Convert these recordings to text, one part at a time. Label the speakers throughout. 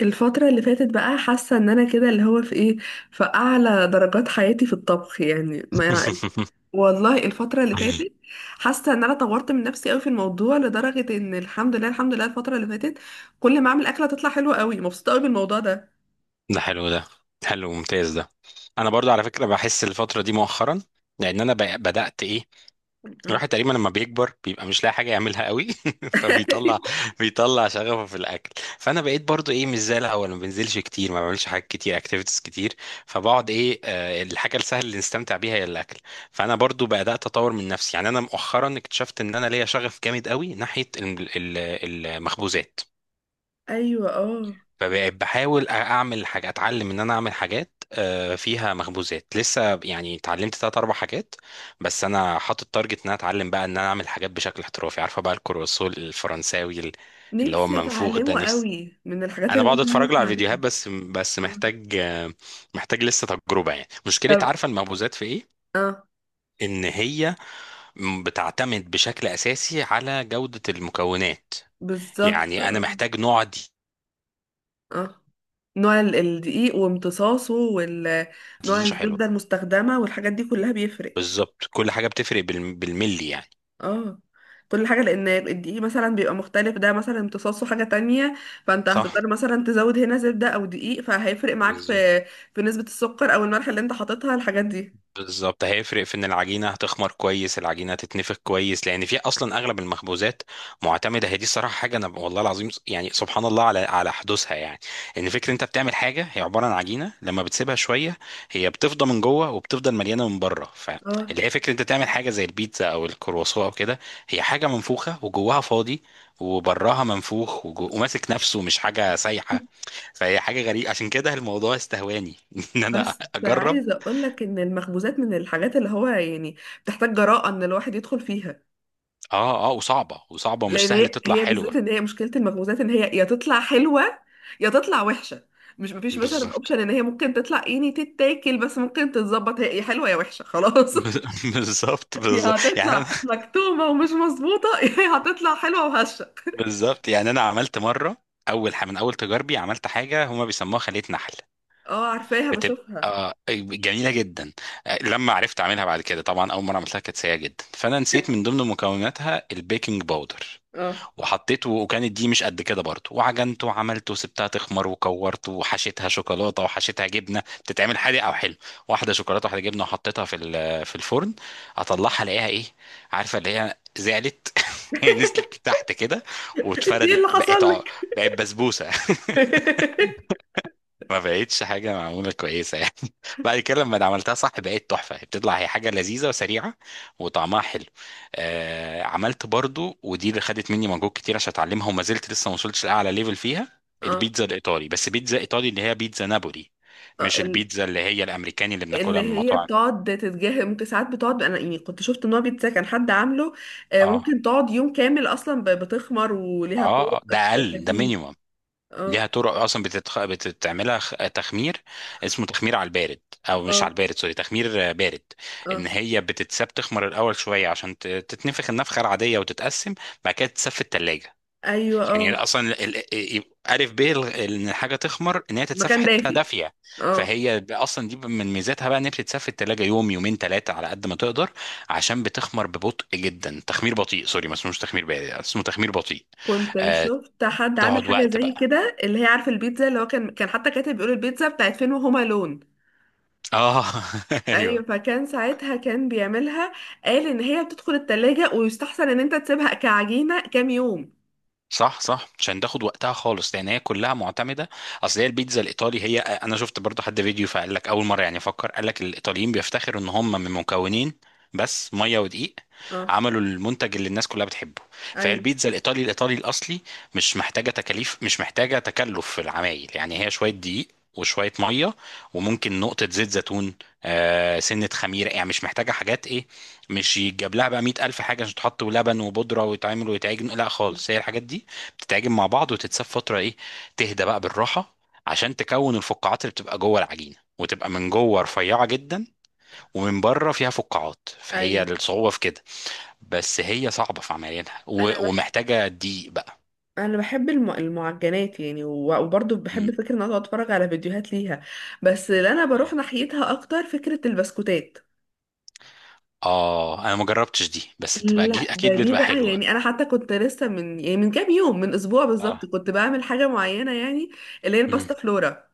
Speaker 1: الفترة اللي فاتت بقى حاسة ان انا كده اللي هو في ايه، في اعلى درجات حياتي في الطبخ يعني ما. والله الفترة اللي فاتت حاسة ان انا طورت من نفسي قوي في الموضوع، لدرجة ان الحمد لله الحمد لله الفترة اللي فاتت كل ما اعمل اكلة تطلع حلوة قوي، مبسوطة قوي بالموضوع ده.
Speaker 2: ده حلو ده حلو ممتاز ده. انا برضو على فكره بحس الفتره دي مؤخرا لان انا بدات ايه.
Speaker 1: آه.
Speaker 2: الواحد تقريبا لما بيكبر بيبقى مش لاقي حاجه يعملها قوي فبيطلع بيطلع شغفه في الاكل. فانا بقيت برضو ايه مش زي الاول، ما بنزلش كتير، ما بعملش حاجات كتير، اكتيفيتيز كتير، فبقعد ايه الحاجه السهله اللي نستمتع بيها هي الاكل. فانا برضو بدات اطور من نفسي. يعني انا مؤخرا اكتشفت ان انا ليا شغف جامد قوي ناحيه المخبوزات.
Speaker 1: ايوه، اه.
Speaker 2: فبقيت بحاول اعمل حاجه، اتعلم ان انا اعمل حاجات فيها مخبوزات. لسه يعني اتعلمت تلات اربع حاجات، بس انا حاطط تارجت ان انا اتعلم بقى ان انا اعمل حاجات بشكل احترافي. عارفه بقى الكرواسون الفرنساوي اللي هو
Speaker 1: نفسي
Speaker 2: المنفوخ ده،
Speaker 1: اتعلمه
Speaker 2: نفسي.
Speaker 1: قوي، من الحاجات
Speaker 2: انا
Speaker 1: اللي
Speaker 2: بقعد
Speaker 1: انا
Speaker 2: اتفرج
Speaker 1: نفسي
Speaker 2: له على
Speaker 1: اتعلمها.
Speaker 2: فيديوهات بس.
Speaker 1: آه.
Speaker 2: محتاج محتاج لسه تجربه. يعني مشكله
Speaker 1: طب.
Speaker 2: عارفه المخبوزات في ايه؟
Speaker 1: اه.
Speaker 2: ان هي بتعتمد بشكل اساسي على جوده المكونات.
Speaker 1: بالظبط.
Speaker 2: يعني انا محتاج نوع دي.
Speaker 1: اه، نوع الدقيق وامتصاصه، ونوع
Speaker 2: دي حلوه.
Speaker 1: الزبدة المستخدمة، والحاجات دي كلها بيفرق.
Speaker 2: بالظبط كل حاجة بتفرق بالملي يعني.
Speaker 1: اه، كل حاجة، لأن الدقيق مثلا بيبقى مختلف، ده مثلا امتصاصه حاجة تانية، فانت
Speaker 2: صح.
Speaker 1: هتضطر مثلا تزود هنا زبدة أو دقيق، فهيفرق معاك
Speaker 2: بالظبط
Speaker 1: في نسبة السكر أو الملح اللي انت حاططها، الحاجات دي.
Speaker 2: بالظبط هيفرق في ان العجينه هتخمر كويس، العجينه هتتنفخ كويس. لان في اصلا اغلب المخبوزات معتمده، هي دي الصراحه حاجه انا والله العظيم يعني سبحان الله على حدوثها يعني. ان فكره انت بتعمل حاجه هي عباره عن عجينه، لما بتسيبها شويه هي بتفضى من جوه وبتفضل مليانه من بره.
Speaker 1: اه.
Speaker 2: فاللي هي فكره انت تعمل حاجه زي البيتزا او الكرواسون او كده، هي حاجه منفوخه وجواها فاضي وبراها منفوخ وماسك نفسه، مش حاجه سايحه. فهي حاجه غريبه عشان كده الموضوع استهواني ان انا
Speaker 1: بس
Speaker 2: اجرب.
Speaker 1: عايزة أقولك إن المخبوزات من الحاجات اللي هو يعني بتحتاج جراءة إن الواحد يدخل فيها.
Speaker 2: اه اه، وصعبه ومش
Speaker 1: لان
Speaker 2: سهل
Speaker 1: هي
Speaker 2: تطلع
Speaker 1: هي
Speaker 2: حلوه.
Speaker 1: بالذات ان هي مشكله المخبوزات، ان هي يا تطلع حلوه يا تطلع وحشه. مش مفيش مثلا
Speaker 2: بالظبط.
Speaker 1: اوبشن ان هي ممكن تطلع يعني تتاكل، بس ممكن تتظبط، هي يا حلوه يا وحشه خلاص.
Speaker 2: بالظبط
Speaker 1: يا
Speaker 2: بالظبط يعني انا.
Speaker 1: هتطلع مكتومه ومش مظبوطه، يا هتطلع حلوه وهشه.
Speaker 2: بالظبط يعني انا عملت مره، من اول تجاربي عملت حاجه هما بيسموها خليه نحل.
Speaker 1: اه، عارفاها
Speaker 2: بتبقى
Speaker 1: بشوفها.
Speaker 2: جميله جدا. لما عرفت اعملها بعد كده. طبعا اول مره عملتها كانت سيئه جدا، فانا نسيت من ضمن مكوناتها البيكنج باودر،
Speaker 1: اه.
Speaker 2: وحطيته وكانت دي مش قد كده برضه، وعجنته وعملته وسبتها تخمر وكورته وحشيتها شوكولاته وحشيتها جبنه، بتتعمل حادق او حلو. واحده شوكولاته واحده جبنه، وحطيتها في في الفرن. اطلعها الاقيها ايه؟ عارفه اللي هي زعلت. هي نزلت تحت كده
Speaker 1: انت ايه اللي
Speaker 2: واتفردت
Speaker 1: حصل لك؟
Speaker 2: بقت بسبوسه. ما بقتش حاجة معمولة كويسة يعني. بعد كده لما عملتها صح بقت تحفة، بتطلع هي حاجة لذيذة وسريعة وطعمها حلو. آه، عملت برضو، ودي اللي خدت مني مجهود كتير عشان اتعلمها، وما زلت لسه ما وصلتش لأعلى ليفل فيها،
Speaker 1: اه،
Speaker 2: البيتزا الإيطالي. بس بيتزا إيطالي اللي هي بيتزا نابولي،
Speaker 1: آه،
Speaker 2: مش البيتزا اللي هي الأمريكاني اللي
Speaker 1: اللي
Speaker 2: بناكلها من
Speaker 1: هي
Speaker 2: مطاعم.
Speaker 1: بتقعد تتجاهل ممكن ساعات بتقعد، انا يعني كنت شفت ان هو بيتزا كان حد عامله. آه،
Speaker 2: اه
Speaker 1: ممكن تقعد يوم كامل اصلا بتخمر، وليها
Speaker 2: اه ده
Speaker 1: طرق
Speaker 2: أقل، ده
Speaker 1: تجهيز.
Speaker 2: مينيمم. ليها
Speaker 1: اه،
Speaker 2: طرق اصلا بتعملها تخمير، اسمه تخمير على البارد. او مش على
Speaker 1: اه،
Speaker 2: البارد، سوري، تخمير بارد. ان
Speaker 1: اه،
Speaker 2: هي بتتساب تخمر الاول شويه عشان تتنفخ النفخه العاديه وتتقسم، بعد كده تتساب في الثلاجه.
Speaker 1: ايوه،
Speaker 2: يعني
Speaker 1: اه،
Speaker 2: اصلا ان الحاجه تخمر ان هي تتساب في
Speaker 1: مكان
Speaker 2: حته
Speaker 1: دافي.
Speaker 2: دافيه.
Speaker 1: اه،
Speaker 2: فهي اصلا دي من ميزاتها بقى ان هي بتتساب في الثلاجه يوم يومين ثلاثه على قد ما تقدر، عشان بتخمر ببطء جدا، تخمير بطيء. سوري، ما اسمهوش تخمير بارد، اسمه تخمير بطيء.
Speaker 1: كنت
Speaker 2: آه،
Speaker 1: شفت حد عامل
Speaker 2: تقعد
Speaker 1: حاجه
Speaker 2: وقت
Speaker 1: زي
Speaker 2: بقى.
Speaker 1: كده، اللي هي عارفه البيتزا، اللي هو كان حتى كاتب بيقول البيتزا بتاعت فين، وهما لون.
Speaker 2: اه.
Speaker 1: ايوه،
Speaker 2: ايوه.
Speaker 1: فكان ساعتها كان بيعملها، قال ان هي بتدخل التلاجة، ويستحسن ان انت تسيبها كعجينه كام يوم.
Speaker 2: صح صح، عشان تاخد وقتها خالص، لان هي كلها معتمده. اصل هي البيتزا الايطالي، هي انا شفت برضو حد فيديو فقال لك اول مره يعني، فكر، قال لك الايطاليين بيفتخروا ان هم من مكونين بس، ميه ودقيق،
Speaker 1: اه،
Speaker 2: عملوا المنتج اللي الناس كلها بتحبه. فهي
Speaker 1: ايوه،
Speaker 2: البيتزا الايطالي الايطالي الاصلي مش محتاجه تكاليف، مش محتاجه تكلف في العمايل، يعني هي شويه دقيق وشويه ميه وممكن نقطه زيت زيتون، آه سنه خميره، يعني مش محتاجه حاجات ايه، مش يتجاب لها بقى 100,000 حاجه عشان تحط ولبن وبودره ويتعمل ويتعجن. لا خالص، هي الحاجات دي تتعجن مع بعض وتتساب فتره ايه، تهدى بقى بالراحه، عشان تكون الفقاعات اللي بتبقى جوه العجينه وتبقى من جوه رفيعه جدا، ومن بره فيها فقاعات. فهي
Speaker 1: ايوه،
Speaker 2: الصعوبه في كده. بس هي صعبه في عمليتها
Speaker 1: انا بحب
Speaker 2: ومحتاجه دقيق بقى.
Speaker 1: انا بحب المعجنات يعني، وبرضه بحب
Speaker 2: مم.
Speaker 1: فكره ان انا أقعد اتفرج على فيديوهات ليها. بس اللي انا بروح ناحيتها اكتر فكره البسكوتات.
Speaker 2: اه انا ما جربتش دي، بس بتبقى
Speaker 1: لا، ده
Speaker 2: اكيد
Speaker 1: دي
Speaker 2: بتبقى
Speaker 1: بقى
Speaker 2: حلوه.
Speaker 1: يعني، انا حتى كنت لسه من يعني من كام يوم، من اسبوع بالظبط
Speaker 2: اه.
Speaker 1: كنت بعمل حاجه معينه يعني، اللي هي
Speaker 2: مم.
Speaker 1: الباستا فلورا.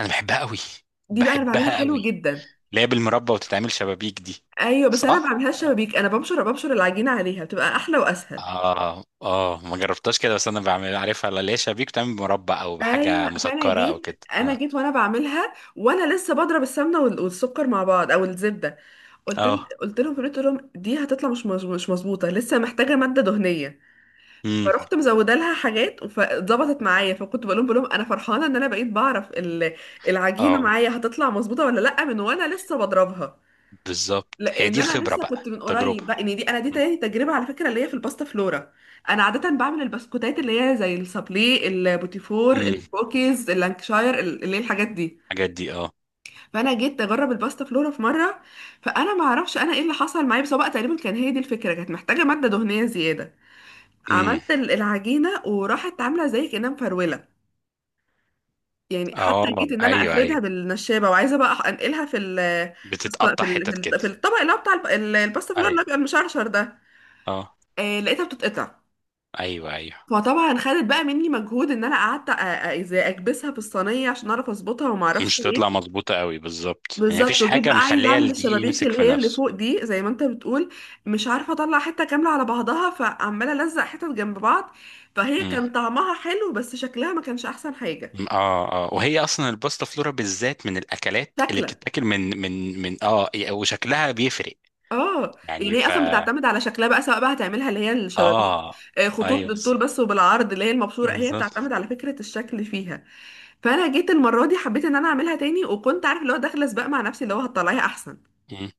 Speaker 2: انا بحبها قوي.
Speaker 1: دي بقى انا بعملها
Speaker 2: بحبها
Speaker 1: حلو
Speaker 2: قوي،
Speaker 1: جدا.
Speaker 2: اللي هي بالمربى وتتعمل شبابيك دي.
Speaker 1: ايوه، بس انا ما
Speaker 2: صح.
Speaker 1: بعملهاش شبابيك، انا بمشر العجينه عليها، بتبقى احلى واسهل.
Speaker 2: اه اه، ما جربتهاش كده، بس انا بعمل عارفها اللي هي شبابيك، بتعمل مربى او بحاجه
Speaker 1: ايوه، فانا
Speaker 2: مسكره
Speaker 1: جيت
Speaker 2: او كده.
Speaker 1: انا
Speaker 2: اه
Speaker 1: جيت وانا بعملها وانا لسه بضرب السمنه والسكر مع بعض او الزبده. قلت ل-
Speaker 2: اه،
Speaker 1: قلت لهم في البيت، قلت لهم دي هتطلع مش مظبوطه، لسه محتاجه ماده دهنيه.
Speaker 2: امم،
Speaker 1: فرحت مزوده لها حاجات فظبطت معايا، فكنت بقول لهم انا فرحانه ان انا بقيت بعرف العجينه
Speaker 2: اه.
Speaker 1: معايا هتطلع مظبوطه ولا لا من وانا لسه بضربها.
Speaker 2: بالظبط، هي
Speaker 1: لان
Speaker 2: دي
Speaker 1: انا
Speaker 2: الخبره
Speaker 1: لسه كنت
Speaker 2: بقى،
Speaker 1: من
Speaker 2: التجربه.
Speaker 1: قريب بقى، ان دي انا دي
Speaker 2: امم.
Speaker 1: تاني تجربه على فكره اللي هي في الباستا فلورا. انا عاده بعمل البسكوتات اللي هي زي السابلي، البوتيفور،
Speaker 2: أمم.
Speaker 1: الكوكيز، اللانكشاير، اللي هي الحاجات دي.
Speaker 2: الحاجات دي اه.
Speaker 1: فانا جيت اجرب الباستا فلورا في مره، فانا ما اعرفش انا ايه اللي حصل معايا، بس هو بقى تقريبا كان هي دي الفكره، كانت محتاجه ماده دهنيه زياده.
Speaker 2: امم.
Speaker 1: عملت العجينة وراحت عاملة زي كأنها مفرولة. يعني حتى
Speaker 2: اه.
Speaker 1: جيت ان انا
Speaker 2: ايوه
Speaker 1: افردها
Speaker 2: ايوه،
Speaker 1: بالنشابة، وعايزة بقى انقلها
Speaker 2: بتتقطع حتت
Speaker 1: في
Speaker 2: كده.
Speaker 1: ال- في الطبق اللي هو بتاع الباستا فلور،
Speaker 2: ايوه
Speaker 1: اللي هو بيبقى المشرشر ده.
Speaker 2: اه.
Speaker 1: آه لقيتها بتتقطع.
Speaker 2: ايوه ايوه.
Speaker 1: فطبعا خدت بقى مني مجهود، ان انا قعدت ازاي اكبسها في الصينية عشان اعرف اظبطها وما اعرفش
Speaker 2: مش تطلع
Speaker 1: ايه.
Speaker 2: مظبوطه قوي. بالظبط، يعني
Speaker 1: بالظبط.
Speaker 2: مفيش
Speaker 1: وجيت
Speaker 2: حاجه
Speaker 1: بقى عايزة
Speaker 2: مخليه
Speaker 1: اعمل
Speaker 2: الدقيق
Speaker 1: الشبابيك
Speaker 2: يمسك
Speaker 1: اللي
Speaker 2: في
Speaker 1: هي اللي
Speaker 2: نفسه.
Speaker 1: فوق دي زي ما انت بتقول، مش عارفة اطلع حتة كاملة على بعضها، فعمالة الزق حتت جنب بعض. فهي
Speaker 2: امم.
Speaker 1: كان طعمها حلو بس شكلها ما كانش احسن حاجة.
Speaker 2: اه اه، وهي اصلا الباستا فلورا بالذات من الاكلات اللي
Speaker 1: شكلا،
Speaker 2: بتتاكل من من من اه وشكلها بيفرق.
Speaker 1: اه
Speaker 2: يعني
Speaker 1: يعني هي
Speaker 2: ف
Speaker 1: اصلا بتعتمد على شكلها بقى، سواء بقى هتعملها اللي هي الشبابيك،
Speaker 2: اه.
Speaker 1: آه، خطوط
Speaker 2: ايوه
Speaker 1: بالطول
Speaker 2: بالظبط.
Speaker 1: بس وبالعرض اللي هي المبشوره، هي
Speaker 2: بالظبط.
Speaker 1: بتعتمد على فكره الشكل فيها. فانا جيت المره دي حبيت ان انا اعملها تاني، وكنت عارف اللي هو داخله سباق مع نفسي اللي هو هتطلعيها احسن.
Speaker 2: مم.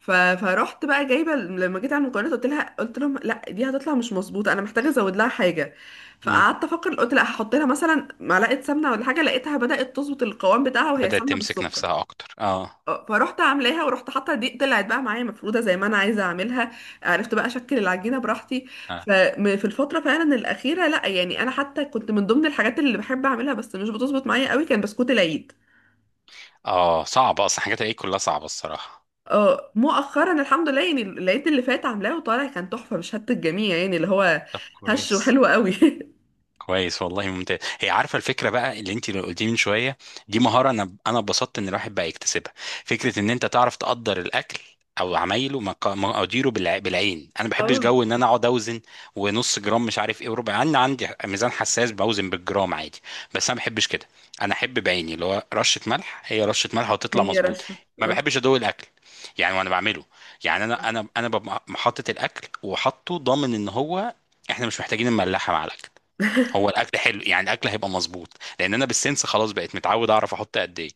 Speaker 1: فرحت بقى جايبه، لما جيت على المكونات قلت لهم لا دي هتطلع مش مظبوطه، انا محتاجه ازود لها حاجه.
Speaker 2: مم.
Speaker 1: فقعدت افكر، قلت لا هحط لها مثلا معلقه سمنه ولا حاجه، لقيتها بدات تظبط القوام بتاعها وهي
Speaker 2: بدأت
Speaker 1: سمنه
Speaker 2: تمسك
Speaker 1: بالسكر.
Speaker 2: نفسها اكتر اه.
Speaker 1: اه، فروحت عاملاها ورحت حاطه دي، طلعت بقى معايا مفروده زي ما انا عايزه اعملها، عرفت بقى اشكل العجينه براحتي.
Speaker 2: اه
Speaker 1: ففي الفتره فعلا الاخيره، لا يعني انا حتى كنت من ضمن الحاجات اللي بحب اعملها بس مش بتظبط معايا قوي، كان بسكوت العيد.
Speaker 2: صعبة اصلا، حاجات الايه كلها صعبة الصراحة.
Speaker 1: اه، مؤخرا الحمد لله، يعني العيد اللي فات عاملاه وطالع كان تحفه، مش هت الجميع يعني، اللي هو
Speaker 2: طب
Speaker 1: هش
Speaker 2: كويس.
Speaker 1: وحلو قوي.
Speaker 2: كويس والله، ممتاز. هي عارفه الفكره بقى اللي انت قلتيه من شويه، دي مهاره انا اتبسطت ان الواحد بقى يكتسبها. فكره ان انت تعرف تقدر الاكل او عمايله مقاديره بالعين. انا ما بحبش
Speaker 1: اه،
Speaker 2: جو ان انا اقعد اوزن ونص جرام مش عارف ايه وربع. انا عندي ميزان حساس بوزن بالجرام عادي، بس انا ما بحبش كده. انا احب بعيني اللي هو رشه ملح، هي رشه ملح وتطلع
Speaker 1: هي
Speaker 2: مظبوط.
Speaker 1: رشه،
Speaker 2: ما
Speaker 1: اه.
Speaker 2: بحبش ادوق الاكل يعني وانا بعمله. يعني انا ببقى حاطط الاكل وحاطه ضامن ان هو احنا مش محتاجين نملحها مع الاكل. هو الاكل حلو يعني، الاكل هيبقى مظبوط، لان انا بالسنس خلاص بقيت متعود اعرف احط قد ايه.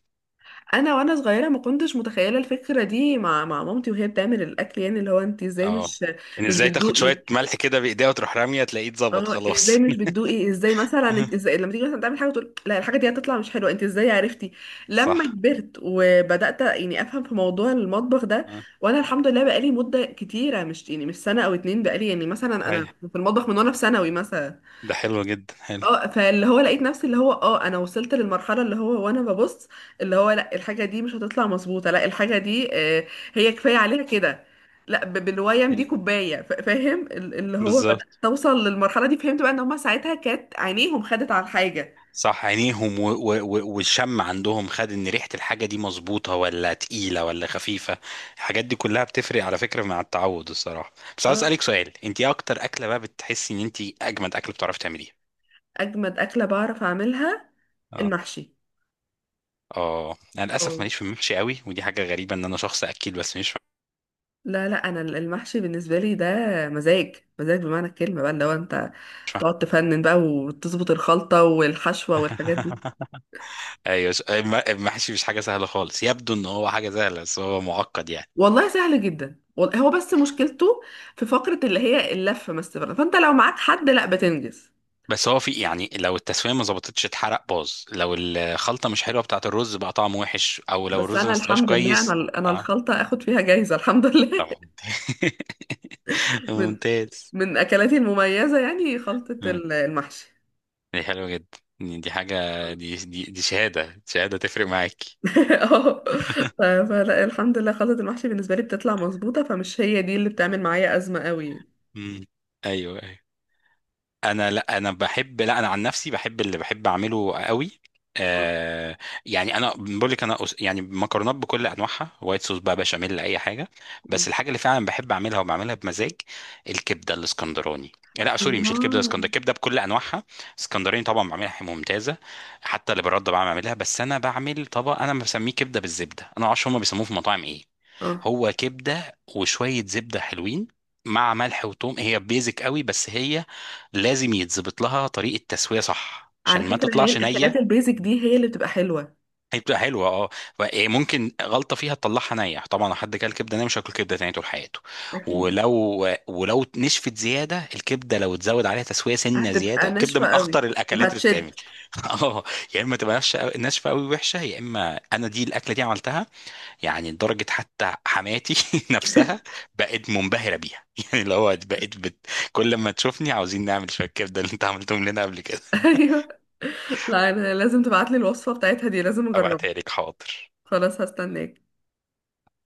Speaker 1: انا وانا صغيره ما كنتش متخيله الفكره دي مع مامتي وهي بتعمل الاكل، يعني اللي هو انت ازاي
Speaker 2: اه،
Speaker 1: مش
Speaker 2: ان
Speaker 1: مش
Speaker 2: ازاي تاخد
Speaker 1: بتدوقي؟
Speaker 2: شويه ملح كده بايديها وتروح راميه تلاقيه اتظبط
Speaker 1: اه، ازاي
Speaker 2: خلاص.
Speaker 1: مش بتدوقي؟ ازاي مثلا انت، ازاي لما تيجي مثلا تعمل حاجه تقول لا الحاجه دي هتطلع مش حلوه؟ انت ازاي عرفتي لما
Speaker 2: صح.
Speaker 1: كبرت وبدات يعني افهم في موضوع المطبخ ده؟
Speaker 2: آه.
Speaker 1: وانا الحمد لله بقالي مده كتيره، مش يعني مش سنه او اتنين، بقالي يعني مثلا
Speaker 2: هاي،
Speaker 1: انا في المطبخ من وانا في ثانوي مثلا.
Speaker 2: ده حلو جدا، حلو.
Speaker 1: اه، فاللي هو لقيت نفسي اللي هو، اه انا وصلت للمرحله اللي هو وانا ببص، اللي هو لا الحاجه دي مش هتطلع مظبوطه، لا الحاجه دي آه، هي كفايه عليها كده، لا بالويم
Speaker 2: هي.
Speaker 1: دي كوبايه، فاهم، اللي هو بدأت
Speaker 2: بالظبط.
Speaker 1: توصل للمرحله دي، فهمت بقى ان هما ساعتها كانت عينيهم خدت على الحاجه.
Speaker 2: صح، عينيهم والشم عندهم خد، ان ريحه الحاجه دي مظبوطه ولا تقيله ولا خفيفه. الحاجات دي كلها بتفرق على فكره مع التعود الصراحه. بس عاوز
Speaker 1: اه.
Speaker 2: اسالك سؤال، انت ايه اكتر اكله بقى بتحسي ان انت اجمد اكل بتعرفي تعمليها؟
Speaker 1: اجمد اكله بعرف اعملها المحشي.
Speaker 2: اه، انا للاسف
Speaker 1: اه،
Speaker 2: ماليش في المحشي قوي، ودي حاجه غريبه ان انا شخص اكل بس مش.
Speaker 1: لا لا، انا المحشي بالنسبه لي ده مزاج، مزاج بمعنى الكلمه بقى، اللي هو انت تقعد تفنن بقى وتظبط الخلطه والحشوه والحاجات دي.
Speaker 2: ايوه، المحشي مش حاجه سهله خالص، يبدو ان هو حاجه سهله بس هو معقد يعني.
Speaker 1: والله سهل جدا، هو بس مشكلته في فقرة اللي هي اللفة، ما استفرد، فانت لو معاك حد لا بتنجز.
Speaker 2: بس هو في يعني، لو التسويه ما ظبطتش اتحرق باظ، لو الخلطه مش حلوه بتاعه الرز بقى طعمه وحش، او لو
Speaker 1: بس
Speaker 2: الرز ما
Speaker 1: انا
Speaker 2: استواش
Speaker 1: الحمد لله، انا
Speaker 2: كويس.
Speaker 1: ال- انا
Speaker 2: اه،
Speaker 1: الخلطة اخد فيها جايزة الحمد لله.
Speaker 2: طبعا.
Speaker 1: من
Speaker 2: ممتاز.
Speaker 1: من اكلاتي المميزة يعني، خلطة
Speaker 2: مم.
Speaker 1: المحشي.
Speaker 2: دي حلوه جدا، دي حاجه، دي شهاده، شهاده تفرق معاك.
Speaker 1: اه، فلا الحمد لله خلطة المحشي بالنسبة لي بتطلع مظبوطة، فمش هي دي اللي بتعمل معايا أزمة قوي يعني.
Speaker 2: مم. ايوه أيوة. انا لا انا بحب لا انا عن نفسي بحب اللي بحب اعمله قوي.
Speaker 1: اه.
Speaker 2: آه، يعني انا بقول لك يعني مكرونات بكل انواعها، وايت صوص بقى، بشاميل، اي حاجه.
Speaker 1: آه.
Speaker 2: بس الحاجه اللي فعلا بحب اعملها وبعملها بمزاج، الكبده الاسكندراني. لا سوري، مش الكبده
Speaker 1: الله.
Speaker 2: الاسكندراني، الكبده بكل انواعها. اسكندراني طبعا بعملها ممتازه. حتى اللي برده بعمل اعملها، بس انا بعمل طبق انا بسميه كبده بالزبده، انا معرفش هما بيسموه في المطاعم ايه.
Speaker 1: اه،
Speaker 2: هو كبده وشويه زبده حلوين مع ملح وثوم، هي بيزك قوي. بس هي لازم يتظبط لها طريقه تسويه صح
Speaker 1: على
Speaker 2: عشان ما
Speaker 1: فكرة هي
Speaker 2: تطلعش
Speaker 1: الأكلات
Speaker 2: نيه.
Speaker 1: البيزك دي هي اللي بتبقى حلوة.
Speaker 2: هي بتبقى حلوه اه إيه، ممكن غلطه فيها تطلعها نيه. طبعا لو حد كل كبده نيه مش هياكل كبده تاني طول حياته.
Speaker 1: أكيد.
Speaker 2: ولو نشفت زياده الكبده، لو اتزود عليها تسويه سنه
Speaker 1: هتبقى
Speaker 2: زياده، كبده
Speaker 1: ناشفة
Speaker 2: من
Speaker 1: قوي
Speaker 2: اخطر الاكلات اللي بتتعمل.
Speaker 1: وهتشد.
Speaker 2: اه. يا اما تبقى ناشفه قوي وحشه، يا اما انا دي الاكله دي عملتها يعني لدرجه حتى حماتي نفسها بقت منبهره بيها. يعني اللي هو كل ما تشوفني عاوزين نعمل شويه كبده اللي انت عملتهم لنا قبل كده.
Speaker 1: ايوه. لا، انا لازم تبعتلي الوصفة بتاعتها دي، لازم اجربها.
Speaker 2: ابعتها لك حاضر.
Speaker 1: خلاص هستناك.